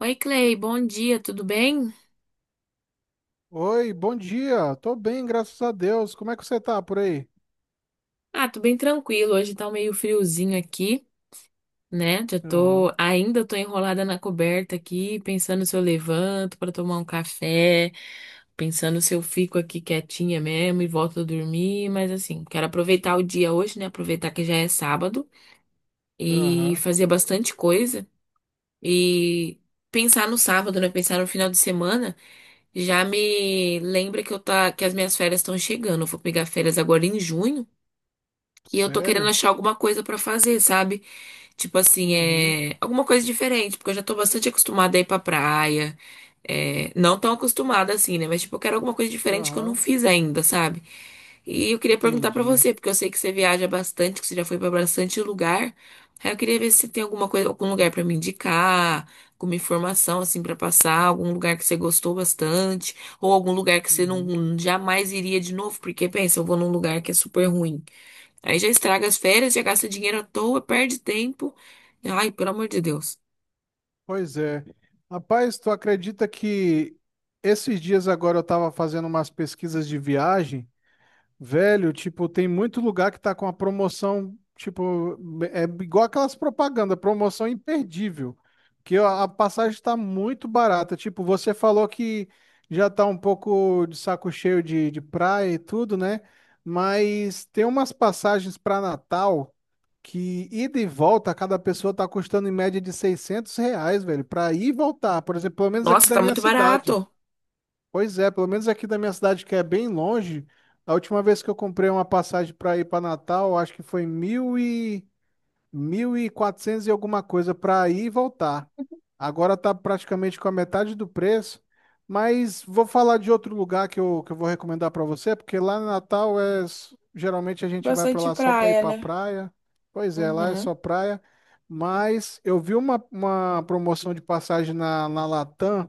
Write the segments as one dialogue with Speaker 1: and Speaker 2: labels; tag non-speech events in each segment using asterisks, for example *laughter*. Speaker 1: Oi, Clay, bom dia, tudo bem?
Speaker 2: Oi, bom dia. Tô bem, graças a Deus. Como é que você tá por aí?
Speaker 1: Ah, tô bem tranquilo. Hoje tá um meio friozinho aqui, né?
Speaker 2: Aham,
Speaker 1: Ainda tô enrolada na coberta aqui, pensando se eu levanto pra tomar um café, pensando se eu fico aqui quietinha mesmo e volto a dormir, mas assim, quero aproveitar o dia hoje, né? Aproveitar que já é sábado e
Speaker 2: aham.
Speaker 1: fazer bastante coisa e pensar no sábado, né? Pensar no final de semana já me lembra que eu tá, que as minhas férias estão chegando. Eu vou pegar férias agora em junho. E eu tô querendo
Speaker 2: Sério?
Speaker 1: achar alguma coisa pra fazer, sabe? Tipo assim,
Speaker 2: Uhum,
Speaker 1: é alguma coisa diferente, porque eu já tô bastante acostumada a ir pra praia. É, não tão acostumada assim, né? Mas tipo, eu quero alguma coisa diferente que eu não
Speaker 2: aham.
Speaker 1: fiz ainda, sabe? E eu queria perguntar pra
Speaker 2: Entendi.
Speaker 1: você, porque eu sei que você viaja bastante, que você já foi pra bastante lugar. Aí eu queria ver se tem alguma coisa, algum lugar pra me indicar, alguma informação assim pra passar, algum lugar que você gostou bastante, ou algum lugar que você
Speaker 2: Uhum.
Speaker 1: não jamais iria de novo, porque pensa, eu vou num lugar que é super ruim. Aí já estraga as férias, já gasta dinheiro à toa, perde tempo. Ai, pelo amor de Deus.
Speaker 2: Pois é. Rapaz, tu acredita que esses dias agora eu tava fazendo umas pesquisas de viagem. Velho, tipo, tem muito lugar que tá com a promoção, tipo, é igual aquelas propagandas, promoção imperdível, que a passagem tá muito barata. Tipo, você falou que já tá um pouco de saco cheio de praia e tudo, né? Mas tem umas passagens para Natal que ida e volta, cada pessoa tá custando em média de R$ 600, velho, para ir e voltar, por exemplo, pelo menos aqui
Speaker 1: Nossa,
Speaker 2: da
Speaker 1: tá
Speaker 2: minha
Speaker 1: muito
Speaker 2: cidade.
Speaker 1: barato.
Speaker 2: Pois é, pelo menos aqui da minha cidade, que é bem longe, a última vez que eu comprei uma passagem para ir para Natal, acho que foi mil e... 1.400 e quatrocentos e alguma coisa para ir e voltar. Agora tá praticamente com a metade do preço, mas vou falar de outro lugar que eu vou recomendar para você, porque lá no Natal geralmente a gente vai para
Speaker 1: Bastante
Speaker 2: lá só para ir
Speaker 1: praia,
Speaker 2: para
Speaker 1: né?
Speaker 2: praia. Pois é, lá é só
Speaker 1: Uhum.
Speaker 2: praia. Mas eu vi uma promoção de passagem na Latam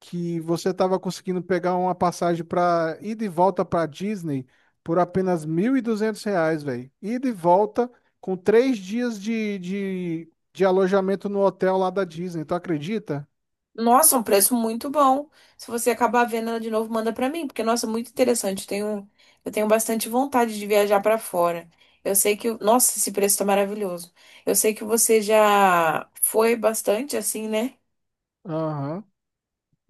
Speaker 2: que você estava conseguindo pegar uma passagem para ir de volta para Disney por apenas R$ 1.200, velho. Ir de volta com três dias de alojamento no hotel lá da Disney, tu acredita?
Speaker 1: Nossa, um preço muito bom. Se você acabar vendo ela de novo, manda pra mim, porque, nossa, muito interessante. Eu tenho bastante vontade de viajar pra fora. Eu sei que, nossa, esse preço tá maravilhoso. Eu sei que você já foi bastante assim, né?
Speaker 2: Aham.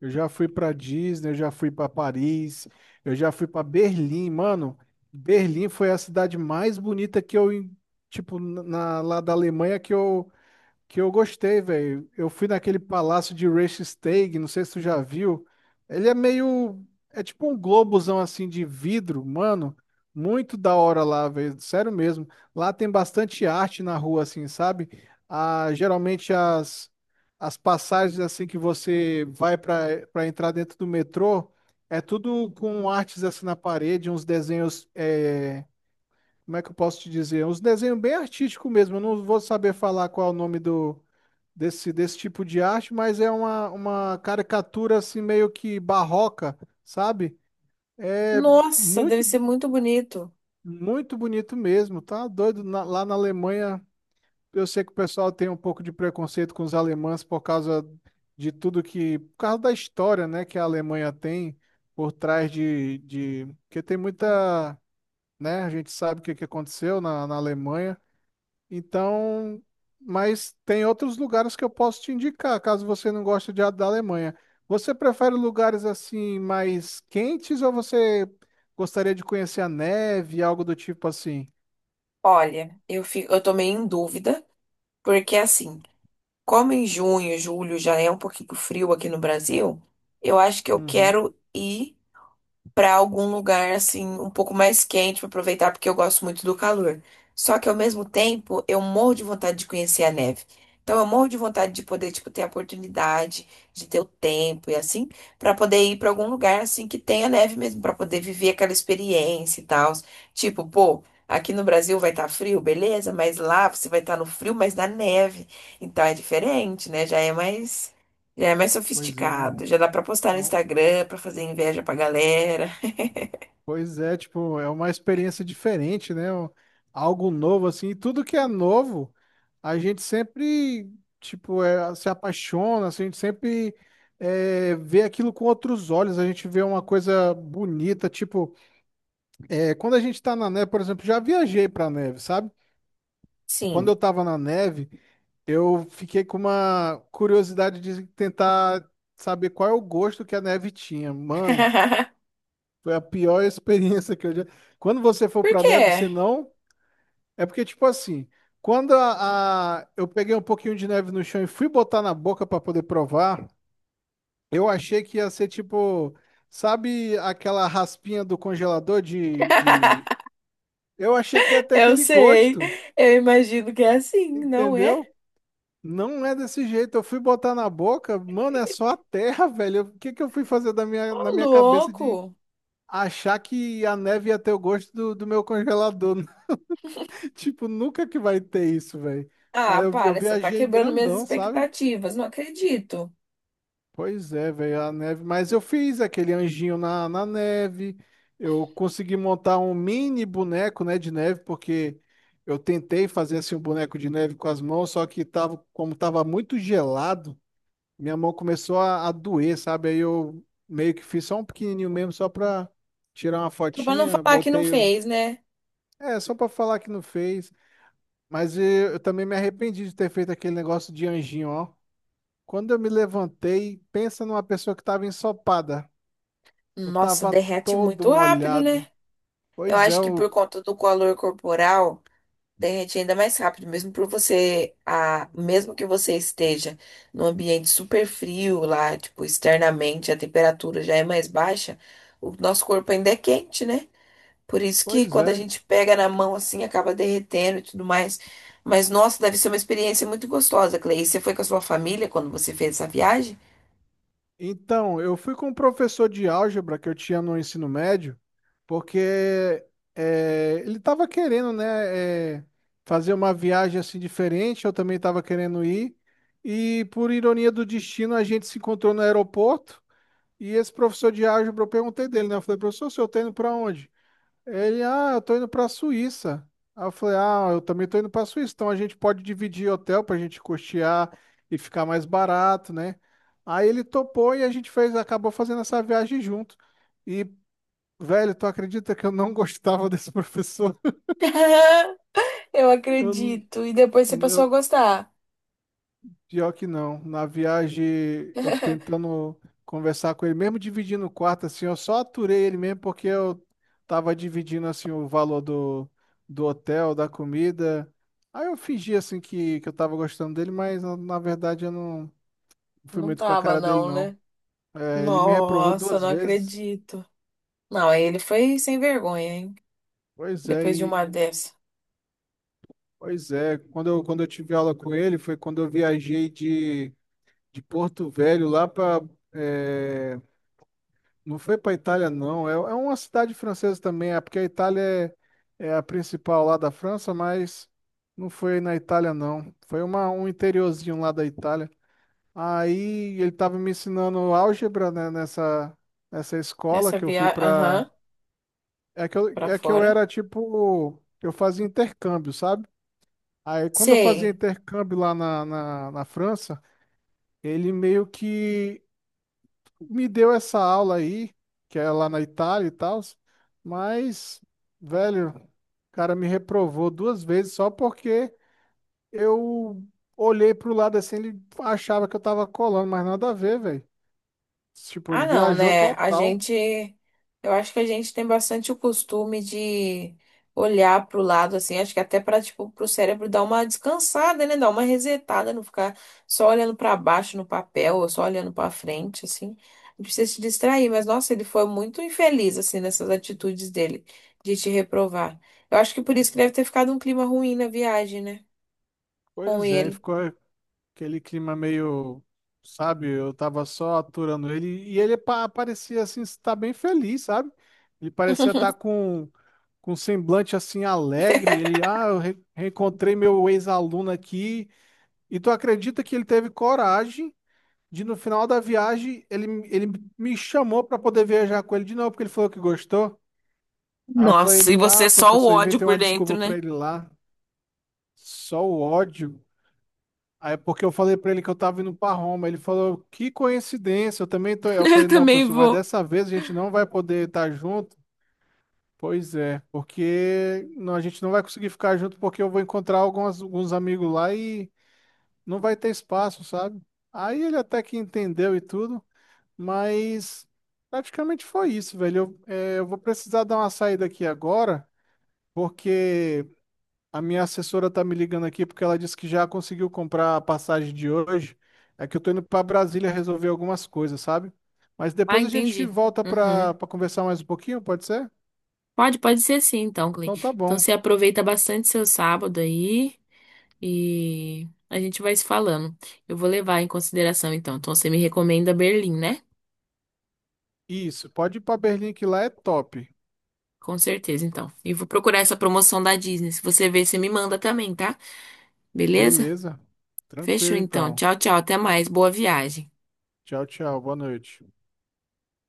Speaker 2: Eu já fui para Disney, eu já fui para Paris, eu já fui para Berlim, mano. Berlim foi a cidade mais bonita tipo, lá da Alemanha que eu gostei, velho. Eu fui naquele palácio de Reichstag, não sei se tu já viu. Ele é meio. É tipo um globozão assim de vidro, mano. Muito da hora lá, velho. Sério mesmo. Lá tem bastante arte na rua, assim, sabe? Ah, geralmente as passagens assim que você vai para entrar dentro do metrô é tudo com artes assim na parede, uns desenhos. Como é que eu posso te dizer? Uns desenhos bem artísticos mesmo. Eu não vou saber falar qual é o nome do desse tipo de arte, mas é uma caricatura assim meio que barroca, sabe? É
Speaker 1: Nossa, deve
Speaker 2: muito,
Speaker 1: ser muito bonito.
Speaker 2: muito bonito mesmo, tá? Doido. Lá na Alemanha, eu sei que o pessoal tem um pouco de preconceito com os alemães por causa de tudo que, por causa da história, né, que a Alemanha tem por trás porque tem muita, né, a gente sabe o que que aconteceu na Alemanha. Então, mas tem outros lugares que eu posso te indicar, caso você não goste de da Alemanha. Você prefere lugares assim mais quentes ou você gostaria de conhecer a neve, algo do tipo assim?
Speaker 1: Olha, eu tô meio em dúvida, porque assim. Como em junho, julho já é um pouquinho frio aqui no Brasil, eu acho que eu
Speaker 2: Uhum.
Speaker 1: quero ir para algum lugar assim um pouco mais quente para aproveitar porque eu gosto muito do calor. Só que ao mesmo tempo eu morro de vontade de conhecer a neve. Então eu morro de vontade de poder tipo ter a oportunidade de ter o tempo e assim para poder ir para algum lugar assim que tenha neve mesmo para poder viver aquela experiência e tal. Tipo, pô, aqui no Brasil vai estar frio, beleza, mas lá você vai estar no frio, mas na neve. Então é diferente, né? Já é mais
Speaker 2: Pois é,
Speaker 1: sofisticado,
Speaker 2: um-
Speaker 1: já dá pra postar
Speaker 2: é
Speaker 1: no
Speaker 2: um-
Speaker 1: Instagram, pra fazer inveja pra galera.
Speaker 2: Pois é, tipo, é uma experiência diferente, né? Algo novo, assim. E tudo que é novo, a gente sempre, tipo, é, se apaixona, assim, a gente sempre vê aquilo com outros olhos, a gente vê uma coisa bonita, tipo, quando a gente tá na neve, por exemplo, já viajei pra neve, sabe? Quando
Speaker 1: Sim.
Speaker 2: eu tava na neve, eu fiquei com uma curiosidade de tentar saber qual é o gosto que a neve tinha. Mano,
Speaker 1: *laughs*
Speaker 2: foi a pior *laughs* experiência que eu já... Quando você for
Speaker 1: Por
Speaker 2: pra neve, você
Speaker 1: quê?
Speaker 2: não. É porque, tipo assim, quando eu peguei um pouquinho de neve no chão e fui botar na boca pra poder provar, eu achei que ia ser tipo, sabe aquela raspinha do congelador
Speaker 1: *laughs*
Speaker 2: Eu achei que ia ter
Speaker 1: Eu
Speaker 2: aquele
Speaker 1: sei.
Speaker 2: gosto,
Speaker 1: Eu imagino que é assim, não é?
Speaker 2: entendeu? Não é desse jeito. Eu fui botar na boca, mano, é só a terra, velho. O que que eu fui fazer na
Speaker 1: Ô,
Speaker 2: minha cabeça de
Speaker 1: louco!
Speaker 2: achar que a neve ia ter o gosto do meu congelador? *laughs* Tipo, nunca que vai ter isso, velho.
Speaker 1: Ah,
Speaker 2: Mas eu
Speaker 1: para, você tá
Speaker 2: viajei
Speaker 1: quebrando minhas
Speaker 2: grandão, sabe?
Speaker 1: expectativas, não acredito.
Speaker 2: Pois é, velho, a neve. Mas eu fiz aquele anjinho na neve. Eu consegui montar um mini boneco, né, de neve, porque eu tentei fazer assim um boneco de neve com as mãos, só que tava, como tava muito gelado, minha mão começou a doer, sabe? Aí eu meio que fiz só um pequenininho mesmo, só pra tirar uma
Speaker 1: Só pra não
Speaker 2: fotinha,
Speaker 1: falar que não
Speaker 2: botei.
Speaker 1: fez, né?
Speaker 2: É, só pra falar que não fez. Mas eu também me arrependi de ter feito aquele negócio de anjinho, ó. Quando eu me levantei, pensa numa pessoa que estava ensopada. Eu
Speaker 1: Nossa,
Speaker 2: tava
Speaker 1: derrete
Speaker 2: todo
Speaker 1: muito rápido,
Speaker 2: molhado.
Speaker 1: né? Eu
Speaker 2: Pois é,
Speaker 1: acho que
Speaker 2: o...
Speaker 1: por conta do calor corporal. Derrete ainda mais rápido, mesmo para você, mesmo que você esteja num ambiente super frio lá, tipo, externamente a temperatura já é mais baixa, o nosso corpo ainda é quente, né? Por isso que
Speaker 2: pois
Speaker 1: quando a
Speaker 2: é.
Speaker 1: gente pega na mão assim, acaba derretendo e tudo mais. Mas nossa, deve ser uma experiência muito gostosa, Clay. E você foi com a sua família quando você fez essa viagem?
Speaker 2: Então, eu fui com um professor de álgebra que eu tinha no ensino médio, porque ele estava querendo, né, fazer uma viagem assim diferente, eu também estava querendo ir, e por ironia do destino, a gente se encontrou no aeroporto, e esse professor de álgebra, eu perguntei dele, né, eu falei, professor, o senhor tá indo pra onde? Ele, ah, eu tô indo pra Suíça. Aí eu falei, ah, eu também tô indo pra Suíça, então a gente pode dividir hotel pra gente custear e ficar mais barato, né? Aí ele topou e acabou fazendo essa viagem junto. E, velho, tu acredita que eu não *laughs* gostava desse professor?
Speaker 1: *laughs* Eu
Speaker 2: Eu,
Speaker 1: acredito.
Speaker 2: n-
Speaker 1: E depois você passou a
Speaker 2: eu,
Speaker 1: gostar.
Speaker 2: Pior que não. Na viagem, eu
Speaker 1: *laughs*
Speaker 2: tentando conversar com ele, mesmo dividindo o quarto, assim, eu só aturei ele mesmo porque eu tava dividindo, assim, o valor do hotel, da comida. Aí eu fingi, assim, que eu tava gostando dele, mas na verdade eu não fui
Speaker 1: Não
Speaker 2: muito com a
Speaker 1: tava,
Speaker 2: cara dele,
Speaker 1: não,
Speaker 2: não.
Speaker 1: né?
Speaker 2: É, ele me reprovou
Speaker 1: Nossa,
Speaker 2: duas
Speaker 1: não
Speaker 2: vezes.
Speaker 1: acredito. Não, aí ele foi sem vergonha, hein?
Speaker 2: Pois é,
Speaker 1: Depois de uma dessa.
Speaker 2: Quando quando eu tive aula com ele, foi quando eu viajei de Porto Velho lá para. Não foi para Itália, não. É uma cidade francesa também, é porque a Itália é a principal lá da França, mas não foi na Itália, não. Foi um interiorzinho lá da Itália. Aí ele estava me ensinando álgebra, né, nessa escola
Speaker 1: Nessa
Speaker 2: que eu fui
Speaker 1: viagem,
Speaker 2: para.
Speaker 1: aham, pra
Speaker 2: É que eu
Speaker 1: fora.
Speaker 2: era tipo. Eu fazia intercâmbio, sabe? Aí quando eu fazia
Speaker 1: Sei.
Speaker 2: intercâmbio lá na França, ele meio que me deu essa aula aí, que é lá na Itália e tal, mas, velho, o cara me reprovou 2 vezes só porque eu olhei pro lado assim, ele achava que eu tava colando, mas nada a ver, velho. Tipo, ele
Speaker 1: Ah, não,
Speaker 2: viajou
Speaker 1: né? A
Speaker 2: total.
Speaker 1: gente, eu acho que a gente tem bastante o costume de olhar pro lado assim, acho que até para tipo pro cérebro dar uma descansada, né? Dar uma resetada, não ficar só olhando para baixo no papel ou só olhando para frente assim. Não precisa se distrair, mas nossa, ele foi muito infeliz assim nessas atitudes dele de te reprovar. Eu acho que por isso que deve ter ficado um clima ruim na viagem, né? Com
Speaker 2: Pois é,
Speaker 1: ele.
Speaker 2: ficou aquele clima meio, sabe, eu tava só aturando ele e ele parecia assim estar bem feliz, sabe? Ele parecia estar
Speaker 1: *laughs*
Speaker 2: com um semblante assim alegre, ele, ah, eu reencontrei meu ex-aluno aqui. E tu acredita que ele teve coragem de no final da viagem ele me chamou para poder viajar com ele de novo, porque ele falou que gostou. Aí eu falei,
Speaker 1: Nossa, e
Speaker 2: não,
Speaker 1: você só o
Speaker 2: professor,
Speaker 1: ódio
Speaker 2: inventei uma
Speaker 1: por
Speaker 2: desculpa
Speaker 1: dentro, né?
Speaker 2: para ele lá, só o ódio. Aí porque eu falei para ele que eu tava indo para Roma, ele falou, que coincidência, eu também tô.
Speaker 1: *laughs*
Speaker 2: Eu
Speaker 1: Eu
Speaker 2: falei, não,
Speaker 1: também
Speaker 2: professor, mas
Speaker 1: vou.
Speaker 2: dessa vez a gente não vai poder estar junto. Pois é, porque a gente não vai conseguir ficar junto porque eu vou encontrar alguns amigos lá e não vai ter espaço, sabe? Aí ele até que entendeu e tudo, mas praticamente foi isso, velho. Eu vou precisar dar uma saída aqui agora, porque a minha assessora tá me ligando aqui porque ela disse que já conseguiu comprar a passagem de hoje. É que eu tô indo para Brasília resolver algumas coisas, sabe? Mas
Speaker 1: Ah,
Speaker 2: depois a gente
Speaker 1: entendi.
Speaker 2: volta
Speaker 1: Uhum.
Speaker 2: para conversar mais um pouquinho, pode ser?
Speaker 1: Pode ser sim, então, Clay.
Speaker 2: Então tá
Speaker 1: Então
Speaker 2: bom.
Speaker 1: você aproveita bastante seu sábado aí e a gente vai se falando. Eu vou levar em consideração, então. Então você me recomenda Berlim, né?
Speaker 2: Isso, pode ir pra Berlim que lá é top.
Speaker 1: Com certeza, então. E vou procurar essa promoção da Disney. Se você ver, você me manda também, tá? Beleza?
Speaker 2: Beleza. Tranquilo
Speaker 1: Fechou, então.
Speaker 2: então.
Speaker 1: Tchau, tchau. Até mais. Boa viagem.
Speaker 2: Tchau, tchau. Boa noite.